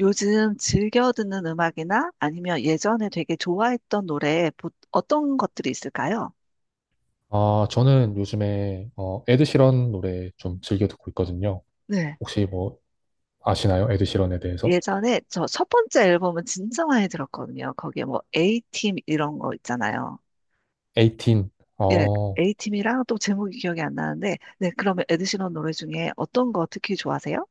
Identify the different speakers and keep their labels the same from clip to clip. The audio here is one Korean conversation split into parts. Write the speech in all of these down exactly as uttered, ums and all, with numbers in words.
Speaker 1: 요즘 즐겨 듣는 음악이나 아니면 예전에 되게 좋아했던 노래 보- 어떤 것들이 있을까요?
Speaker 2: 아, 저는 요즘에 어, 에드시런 노래 좀 즐겨 듣고 있거든요.
Speaker 1: 네.
Speaker 2: 혹시 뭐 아시나요? 에드시런에 대해서?
Speaker 1: 예전에 저 첫 번째 앨범은 진짜 많이 들었거든요. 거기에 뭐 A팀 이런 거 있잖아요.
Speaker 2: 에이틴.
Speaker 1: 예,
Speaker 2: 어,
Speaker 1: A팀이랑 또 제목이 기억이 안 나는데, 네, 그러면 에드시런 노래 중에 어떤 거 특히 좋아하세요?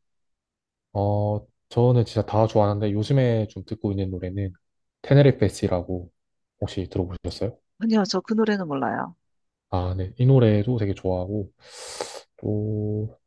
Speaker 2: 어, 저는 진짜 다 좋아하는데 요즘에 좀 듣고 있는 노래는 테네리fe 라고 혹시 들어보셨어요?
Speaker 1: 아니요, 저 그 노래는 몰라요.
Speaker 2: 아, 네. 이 노래도 되게 좋아하고 또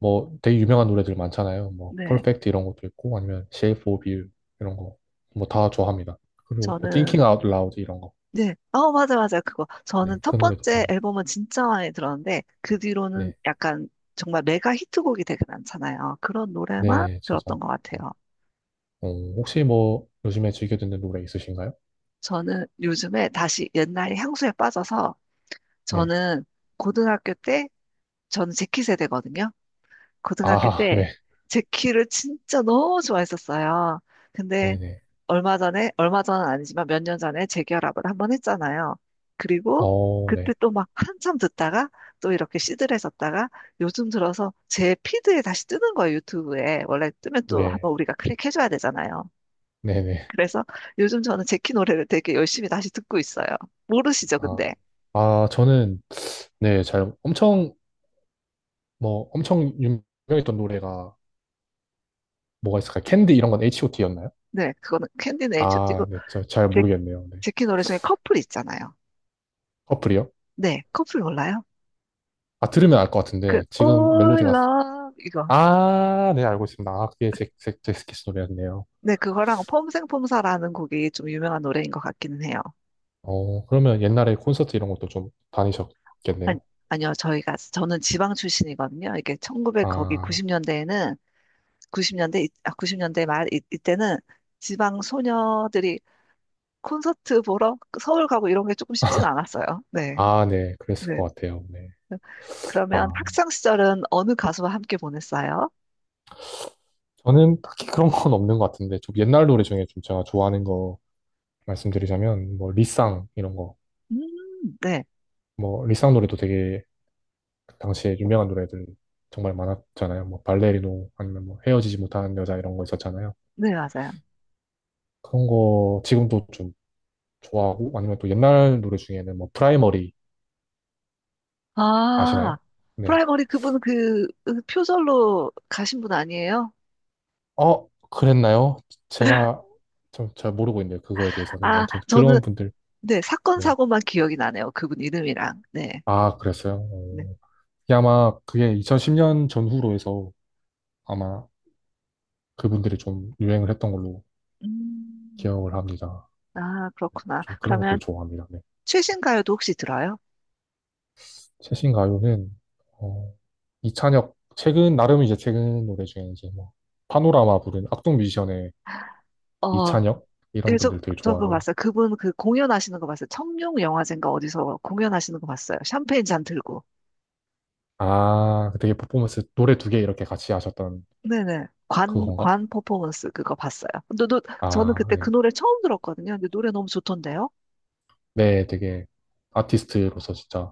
Speaker 2: 뭐 되게 유명한 노래들 많잖아요. 뭐
Speaker 1: 네,
Speaker 2: 퍼펙트 이런 것도 있고 아니면 Shape of You 이런 거 뭐 다 좋아합니다. 그리고 뭐
Speaker 1: 저는.
Speaker 2: Thinking Out Loud 이런 거.
Speaker 1: 네. 어, 맞아, 맞아. 그거. 저는
Speaker 2: 네.
Speaker 1: 첫
Speaker 2: 그 노래도
Speaker 1: 번째
Speaker 2: 좋아합니다.
Speaker 1: 앨범은 진짜 많이 들었는데, 그 뒤로는
Speaker 2: 네.
Speaker 1: 약간 정말 메가 히트곡이 되게 많잖아요. 그런 노래만
Speaker 2: 네,
Speaker 1: 들었던
Speaker 2: 진짜.
Speaker 1: 것 같아요.
Speaker 2: 어, 혹시 뭐 요즘에 즐겨 듣는 노래 있으신가요?
Speaker 1: 저는 요즘에 다시 옛날 향수에 빠져서,
Speaker 2: 네.
Speaker 1: 저는 고등학교 때, 저는 재키 세대거든요. 고등학교
Speaker 2: 아,
Speaker 1: 때
Speaker 2: 네.
Speaker 1: 제키를 진짜 너무 좋아했었어요. 근데
Speaker 2: 네네.
Speaker 1: 얼마 전에, 얼마 전은 아니지만 몇 년 전에 재결합을 한 번 했잖아요. 그리고
Speaker 2: 어,
Speaker 1: 그때
Speaker 2: 네.
Speaker 1: 또 막 한참 듣다가 또 이렇게 시들해졌다가 요즘 들어서 제 피드에 다시 뜨는 거예요, 유튜브에. 원래 뜨면 또
Speaker 2: 네.
Speaker 1: 한번 우리가 클릭해줘야 되잖아요.
Speaker 2: 네네.
Speaker 1: 그래서 요즘 저는 제키 노래를 되게 열심히 다시 듣고 있어요. 모르시죠,
Speaker 2: 아,
Speaker 1: 근데?
Speaker 2: 아, 저는, 네, 잘, 엄청, 뭐, 엄청 유명했던 노래가 뭐가 있을까요? 캔디 이런 건 에이치오티였나요?
Speaker 1: 네, 그거는 캔디 네이처 띄고
Speaker 2: 아, 네. 저, 잘
Speaker 1: 제,
Speaker 2: 모르겠네요. 네.
Speaker 1: 제키 노래 중에 커플 있잖아요.
Speaker 2: 커플이요?
Speaker 1: 네, 커플 몰라요?
Speaker 2: 아, 들으면 알 것
Speaker 1: 그
Speaker 2: 같은데, 지금
Speaker 1: All
Speaker 2: 멜로디가,
Speaker 1: Love 이거.
Speaker 2: 아, 네, 알고 있습니다. 아, 그게 잭, 잭, 잭스키스 노래였네요.
Speaker 1: 네, 그거랑 폼생폼사라는 곡이 좀 유명한 노래인 것 같기는 해요.
Speaker 2: 어, 그러면 옛날에 콘서트 이런 것도 좀
Speaker 1: 아니,
Speaker 2: 다니셨겠네요.
Speaker 1: 아니요, 저희가 저는 지방 출신이거든요. 이게 천구백 거기
Speaker 2: 아,
Speaker 1: 구십 년대에는 구십 년대 아, 구십 년대 말 이, 이때는 지방 소녀들이 콘서트 보러 서울 가고 이런 게 조금 쉽진 않았어요. 네,
Speaker 2: 아, 네, 그랬을
Speaker 1: 네.
Speaker 2: 것 같아요. 네.
Speaker 1: 그러면
Speaker 2: 아,
Speaker 1: 학창 시절은 어느 가수와 함께 보냈어요?
Speaker 2: 저는 딱히 그런 건 없는 것 같은데, 좀 옛날 노래 중에 좀 제가 좋아하는 거 말씀드리자면, 뭐, 리쌍, 이런 거.
Speaker 1: 음, 네,
Speaker 2: 뭐, 리쌍 노래도 되게, 그 당시에 유명한 노래들 정말 많았잖아요. 뭐, 발레리노, 아니면 뭐, 헤어지지 못하는 여자 이런 거 있었잖아요.
Speaker 1: 네, 맞아요.
Speaker 2: 그런 거 지금도 좀 좋아하고, 아니면 또 옛날 노래 중에는 뭐, 프라이머리
Speaker 1: 아,
Speaker 2: 아시나요? 네.
Speaker 1: 프라이머리 그분 그, 그 표절로 가신 분 아니에요?
Speaker 2: 어, 그랬나요? 제가 좀 잘 모르고 있는데, 그거에 대해서는.
Speaker 1: 아,
Speaker 2: 아무튼
Speaker 1: 저는,
Speaker 2: 그런 분들,
Speaker 1: 네, 사건,
Speaker 2: 네.
Speaker 1: 사고만 기억이 나네요. 그분 이름이랑. 네.
Speaker 2: 아, 그랬어요?
Speaker 1: 네.
Speaker 2: 어. 이게 아마 그게 이천십 년 전후로 해서 아마 그분들이 좀 유행을 했던 걸로
Speaker 1: 음,
Speaker 2: 기억을 합니다.
Speaker 1: 아, 그렇구나.
Speaker 2: 좀 그런 것들
Speaker 1: 그러면
Speaker 2: 좋아합니다. 네.
Speaker 1: 최신 가요도 혹시 들어요?
Speaker 2: 최신 가요는 어, 이찬혁 최근 나름 이제 최근 노래 중에 이제 뭐 파노라마 부른 악동 뮤지션의
Speaker 1: 어,
Speaker 2: 이찬혁 이런
Speaker 1: 예, 저,
Speaker 2: 분들 되게
Speaker 1: 저 그거
Speaker 2: 좋아하고요.
Speaker 1: 봤어요. 그분 그 공연하시는 거 봤어요. 청룡 영화제인가 어디서 공연하시는 거 봤어요. 샴페인 잔 들고.
Speaker 2: 아, 그 되게 퍼포먼스 노래 두 개 이렇게 같이 하셨던
Speaker 1: 네네. 관,
Speaker 2: 그건가?
Speaker 1: 관 퍼포먼스 그거 봤어요. 근데 노- 저는
Speaker 2: 아,
Speaker 1: 그때 그
Speaker 2: 네.
Speaker 1: 노래 처음 들었거든요. 근데 노래 너무 좋던데요?
Speaker 2: 네, 되게 아티스트로서 진짜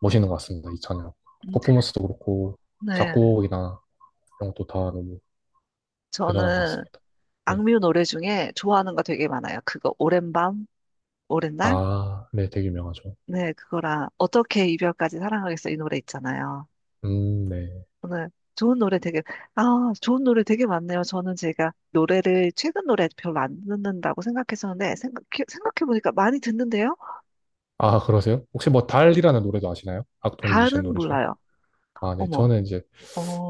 Speaker 2: 멋있는 것 같습니다. 이찬혁
Speaker 1: 음,
Speaker 2: 퍼포먼스도 그렇고
Speaker 1: 네.
Speaker 2: 작곡이나 이런 것도 다 너무 대단한 것
Speaker 1: 저는
Speaker 2: 같습니다. 네.
Speaker 1: 악뮤 노래 중에 좋아하는 거 되게 많아요. 그거 오랜 밤, 오랜 날?
Speaker 2: 아, 네, 되게 유명하죠.
Speaker 1: 네, 그거랑 어떻게 이별까지 사랑하겠어 이 노래 있잖아요.
Speaker 2: 음, 네.
Speaker 1: 오늘 좋은 노래 되게 아, 좋은 노래 되게 많네요. 저는 제가 노래를 최근 노래 별로 안 듣는다고 생각했었는데 생각, 생각해 보니까 많이 듣는데요.
Speaker 2: 아, 그러세요? 혹시 뭐 달이라는 노래도 아시나요? 악동 뮤지션
Speaker 1: 달은
Speaker 2: 노래 중에?
Speaker 1: 몰라요.
Speaker 2: 아, 네.
Speaker 1: 어머.
Speaker 2: 저는 이제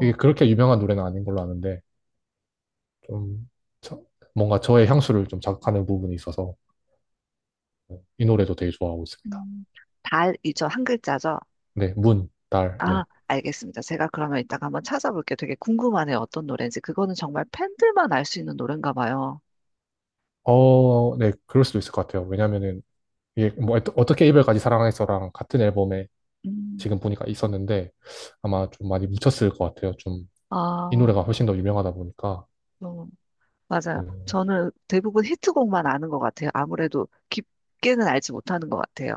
Speaker 2: 이게 그렇게 유명한 노래는 아닌 걸로 아는데 좀 저- 뭔가 저의 향수를 좀 자극하는 부분이 있어서 이 노래도 되게 좋아하고 있습니다.
Speaker 1: 음, 달이죠. 한 글자죠.
Speaker 2: 네, 문, 달,
Speaker 1: 아,
Speaker 2: 네.
Speaker 1: 알겠습니다. 제가 그러면 이따가 한번 찾아볼게요. 되게 궁금하네요. 어떤 노래인지. 그거는 정말 팬들만 알 수 있는 노래인가 봐요.
Speaker 2: 어, 네, 그럴 수도 있을 것 같아요. 왜냐면은 이게 뭐 어떠- 어떻게 이별까지 사랑해서랑 같은 앨범에
Speaker 1: 음.
Speaker 2: 지금 보니까 있었는데 아마 좀 많이 묻혔을 것 같아요. 좀 이
Speaker 1: 아,
Speaker 2: 노래가 훨씬 더 유명하다 보니까.
Speaker 1: 어, 맞아요.
Speaker 2: 네.
Speaker 1: 저는 대부분 히트곡만 아는 것 같아요. 아무래도 깊게는 알지 못하는 것 같아요.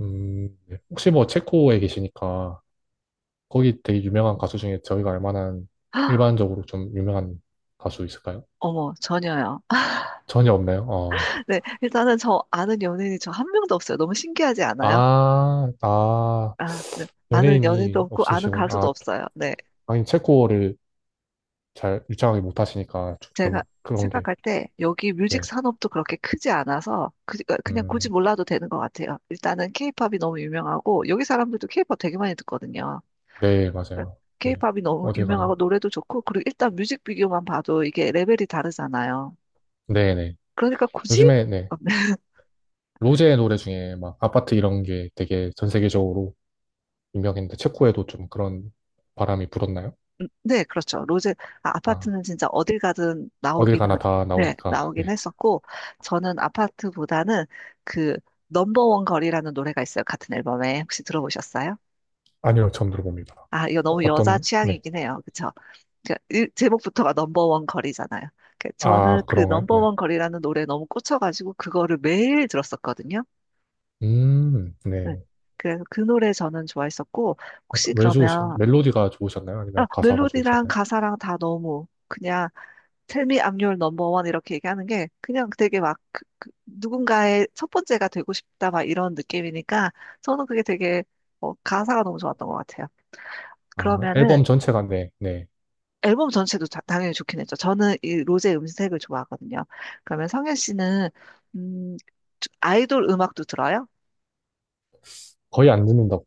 Speaker 2: 음, 네. 혹시 뭐 체코에 계시니까 거기 되게 유명한 가수 중에 저희가 알만한
Speaker 1: 헉,
Speaker 2: 일반적으로 좀 유명한 가수 있을까요?
Speaker 1: 어머, 전혀요.
Speaker 2: 전혀 없나요? 어.
Speaker 1: 네, 일단은 저 아는 연예인이 저 한 명도 없어요. 너무 신기하지 않아요?
Speaker 2: 아, 아,
Speaker 1: 아, 네. 아는 연예인도
Speaker 2: 연예인이
Speaker 1: 없고 아는
Speaker 2: 없으시군.
Speaker 1: 가수도
Speaker 2: 아,
Speaker 1: 없어요. 네.
Speaker 2: 아니, 체코어를 잘 유창하게 못하시니까
Speaker 1: 제가
Speaker 2: 조금 그런 게,
Speaker 1: 생각할 때 여기 뮤직
Speaker 2: 네.
Speaker 1: 산업도 그렇게 크지 않아서 그, 어, 그냥 굳이
Speaker 2: 음,
Speaker 1: 몰라도 되는 것 같아요. 일단은 케이팝이 너무 유명하고 여기 사람들도 케이팝 되게 많이 듣거든요.
Speaker 2: 네, 맞아요. 네.
Speaker 1: 케이팝이 너무
Speaker 2: 어딜
Speaker 1: 유명하고
Speaker 2: 가나?
Speaker 1: 노래도 좋고 그리고 일단 뮤직비디오만 봐도 이게 레벨이 다르잖아요.
Speaker 2: 네네.
Speaker 1: 그러니까 굳이
Speaker 2: 요즘에, 네.
Speaker 1: 어, 네,
Speaker 2: 로제 노래 중에 막 아파트 이런 게 되게 전 세계적으로 유명했는데 체코에도 좀 그런 바람이 불었나요?
Speaker 1: 네, 그렇죠. 로제, 아,
Speaker 2: 아.
Speaker 1: 파트는 진짜 어딜 가든
Speaker 2: 어딜
Speaker 1: 나오기는,
Speaker 2: 가나 다
Speaker 1: 네,
Speaker 2: 나오니까.
Speaker 1: 나오긴
Speaker 2: 네.
Speaker 1: 했었고 저는 아파트보다는 그 넘버원 거리라는 노래가 있어요. 같은 앨범에 혹시 들어보셨어요?
Speaker 2: 아니요, 처음 들어봅니다.
Speaker 1: 아, 이거 너무 여자
Speaker 2: 어떤, 네.
Speaker 1: 취향이긴 해요. 그렇죠? 그러니까 일- 제목부터가 넘버원 거리잖아요. 그 저는
Speaker 2: 아,
Speaker 1: 그
Speaker 2: 그런가요? 네.
Speaker 1: 넘버원 거리라는 노래에 너무 꽂혀가지고 그거를 매일 들었었거든요.
Speaker 2: 음,
Speaker 1: 네.
Speaker 2: 네.
Speaker 1: 그래서 그 노래 저는 좋아했었고, 혹시
Speaker 2: 어떤- 왜 좋으신,
Speaker 1: 그러면,
Speaker 2: 멜로디가 좋으셨나요?
Speaker 1: 아,
Speaker 2: 아니면 가사가
Speaker 1: 멜로디랑
Speaker 2: 좋으셨나요?
Speaker 1: 가사랑 다 너무 그냥 Tell me I'm your number one 이렇게 얘기하는 게 그냥 되게 막 그- 그 누군가의 첫 번째가 되고 싶다 막 이런 느낌이니까 저는 그게 되게 어, 가사가 너무 좋았던 것 같아요.
Speaker 2: 아,
Speaker 1: 그러면은
Speaker 2: 앨범 전체가, 네, 네.
Speaker 1: 앨범 전체도 다- 당연히 좋긴 했죠. 저는 이 로제 음색을 좋아하거든요. 그러면 성현 씨는 음, 아이돌 음악도 들어요?
Speaker 2: 거의 안 듣는다고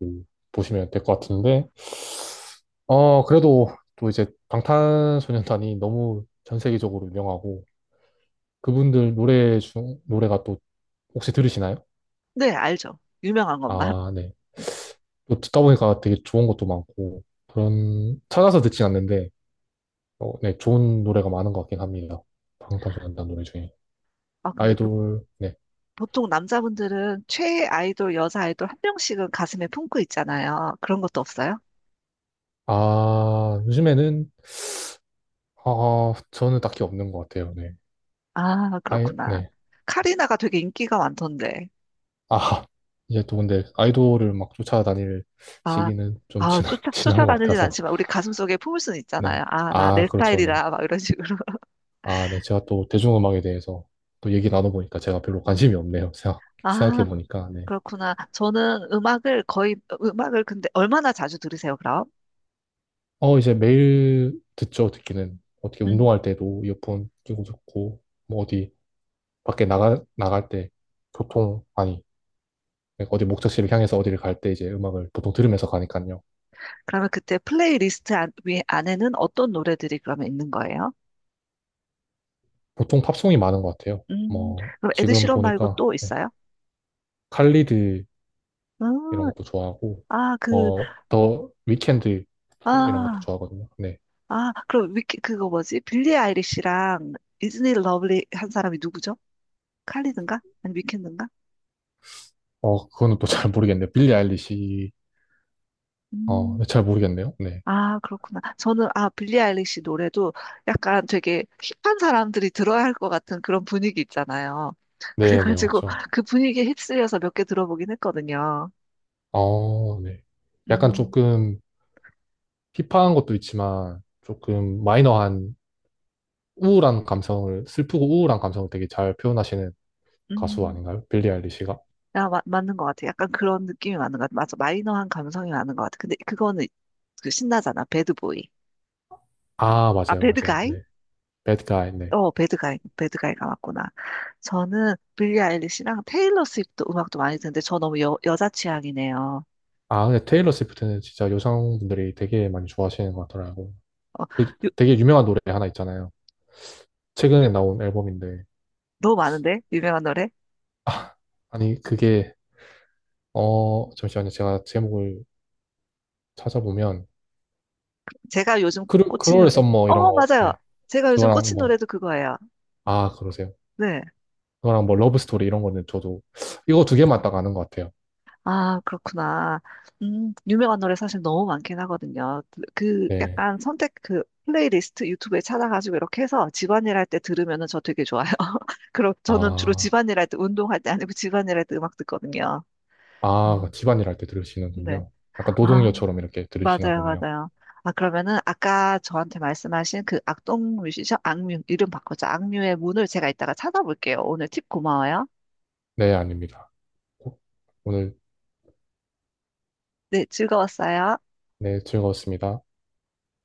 Speaker 2: 보시면 될 것 같은데, 어, 그래도 또 이제 방탄소년단이 너무 전 세계적으로 유명하고, 그분들 노래 중, 노래가 또 혹시 들으시나요?
Speaker 1: 네, 알죠. 유명한 것만.
Speaker 2: 아, 네.
Speaker 1: 네.
Speaker 2: 또 듣다 보니까 되게 좋은 것도 많고, 그런, 찾아서 듣진 않는데, 어, 네, 좋은 노래가 많은 것 같긴 합니다. 방탄소년단 노래 중에.
Speaker 1: 아, 근데
Speaker 2: 아이돌, 네.
Speaker 1: 보통 남자분들은 최애 아이돌, 여자 아이돌 한 명씩은 가슴에 품고 있잖아요. 그런 것도 없어요?
Speaker 2: 아, 요즘에는, 아, 저는 딱히 없는 것 같아요. 네.
Speaker 1: 아,
Speaker 2: 아이,
Speaker 1: 그렇구나.
Speaker 2: 네.
Speaker 1: 카리나가 되게 인기가 많던데.
Speaker 2: 아, 이제 또 근데 아이돌을 막 쫓아다닐
Speaker 1: 아,
Speaker 2: 시기는 좀
Speaker 1: 아,
Speaker 2: 지난,
Speaker 1: 쫓아,
Speaker 2: 지난 것
Speaker 1: 쫓아다니진
Speaker 2: 같아서.
Speaker 1: 않지만 우리 가슴속에 품을 수는
Speaker 2: 네.
Speaker 1: 있잖아요. 아, 나
Speaker 2: 아,
Speaker 1: 내
Speaker 2: 그렇죠. 네.
Speaker 1: 스타일이다. 막 이런 식으로.
Speaker 2: 아, 네. 제가 또 대중음악에 대해서 또 얘기 나눠보니까 제가 별로 관심이 없네요. 생각,
Speaker 1: 아,
Speaker 2: 생각해보니까. 네.
Speaker 1: 그렇구나. 저는 음악을 거의, 음악을 근데 얼마나 자주 들으세요, 그럼?
Speaker 2: 어, 이제 매일 듣죠. 듣기는. 어떻게
Speaker 1: 음,
Speaker 2: 운동할 때도 이어폰 끼고 듣고, 뭐 어디, 밖에 나가, 나갈 때 보통, 아니, 어디 목적지를 향해서 어디를 갈 때 이제 음악을 보통 들으면서 가니까요.
Speaker 1: 그러면 그때 플레이리스트 안, 위, 안에는 어떤 노래들이 그러면 있는 거예요?
Speaker 2: 보통 팝송이 많은 것 같아요.
Speaker 1: 음,
Speaker 2: 뭐,
Speaker 1: 그럼
Speaker 2: 지금
Speaker 1: 에드시런 말고
Speaker 2: 보니까,
Speaker 1: 또
Speaker 2: 네,
Speaker 1: 있어요?
Speaker 2: 칼리드 이런
Speaker 1: 음,
Speaker 2: 것도 좋아하고,
Speaker 1: 아, 그
Speaker 2: 뭐, 더 위켄드 이런 것도
Speaker 1: 아,
Speaker 2: 좋아하거든요. 네.
Speaker 1: 아, 그럼 위키, 그거 뭐지? 빌리 아이리시랑 이즈니 러블리 한 사람이 누구죠? 칼리든가? 아니, 위켄드인가?
Speaker 2: 어, 그거는 또 잘 모르겠네요. 빌리 아일리시, 어, 네,
Speaker 1: 음,
Speaker 2: 잘 모르겠네요. 네.
Speaker 1: 아, 그렇구나. 저는, 아, 빌리 아이리시 노래도 약간 되게 힙한 사람들이 들어야 할 것 같은 그런 분위기 있잖아요.
Speaker 2: 네, 네,
Speaker 1: 그래가지고
Speaker 2: 맞죠.
Speaker 1: 그 분위기에 휩쓸려서 몇 개 들어보긴 했거든요.
Speaker 2: 어, 네. 약간
Speaker 1: 음,
Speaker 2: 조금 힙한 것도 있지만, 조금 마이너한 우울한 감성을, 슬프고 우울한 감성을 되게 잘 표현하시는 가수
Speaker 1: 음.
Speaker 2: 아닌가요? 빌리 아일리시가?
Speaker 1: 아, 마- 맞는 것 같아. 약간 그런 느낌이 맞는 것 같아. 맞아. 마이너한 감성이 많은 것 같아. 근데 그거는 그 신나잖아. 배드보이.
Speaker 2: 아,
Speaker 1: 아,
Speaker 2: 맞아요, 맞아요.
Speaker 1: 배드가이?
Speaker 2: 네. 배드 가이, 네.
Speaker 1: 어, 배드가이, 배드가이가 맞구나. 저는 빌리 아일리시랑 테일러 스위프트 음악도 많이 듣는데 저 너무 여, 여자 취향이네요.
Speaker 2: 아, 근데 테일러 스위프트는 진짜 여성분들이 되게 많이 좋아하시는 것 같더라고요.
Speaker 1: 어,
Speaker 2: 그
Speaker 1: 요-
Speaker 2: 되게 유명한 노래 하나 있잖아요. 최근에 나온 앨범인데.
Speaker 1: 너무 많은데? 유명한 노래?
Speaker 2: 아, 아니, 그게, 어, 잠시만요. 제가 제목을 찾아보면,
Speaker 1: 제가 요즘
Speaker 2: 크루,
Speaker 1: 꽂힌
Speaker 2: 크롤
Speaker 1: 노래.
Speaker 2: 썸머 이런
Speaker 1: 어,
Speaker 2: 거,
Speaker 1: 맞아요.
Speaker 2: 네.
Speaker 1: 제가 요즘
Speaker 2: 그거랑
Speaker 1: 꽂힌
Speaker 2: 뭐,
Speaker 1: 노래도 그거예요.
Speaker 2: 아, 그러세요.
Speaker 1: 네.
Speaker 2: 그거랑 뭐, 러브 스토리 이런 거는 저도, 이거 두 개만 딱 아는 것 같아요.
Speaker 1: 아, 그렇구나. 음, 유명한 노래 사실 너무 많긴 하거든요. 그, 그
Speaker 2: 네.
Speaker 1: 약간 선택 그 플레이리스트 유튜브에 찾아가지고 이렇게 해서 집안일 할 때 들으면은 저 되게 좋아요. 그럼 저는 주로
Speaker 2: 아.
Speaker 1: 집안일 할 때 운동할 때 아니고 집안일 할 때 음악 듣거든요.
Speaker 2: 아,
Speaker 1: 음.
Speaker 2: 집안일 할 때
Speaker 1: 네.
Speaker 2: 들으시는군요. 약간
Speaker 1: 아,
Speaker 2: 노동요처럼 이렇게 들으시나
Speaker 1: 맞아요,
Speaker 2: 보네요.
Speaker 1: 맞아요. 아, 그러면은 아까 저한테 말씀하신 그 악동 뮤지션, 악뮤, 이름 바꾸자. 악뮤의 문을 제가 이따가 찾아볼게요. 오늘 팁 고마워요.
Speaker 2: 네, 아닙니다. 오늘
Speaker 1: 네, 즐거웠어요.
Speaker 2: 네, 즐거웠습니다.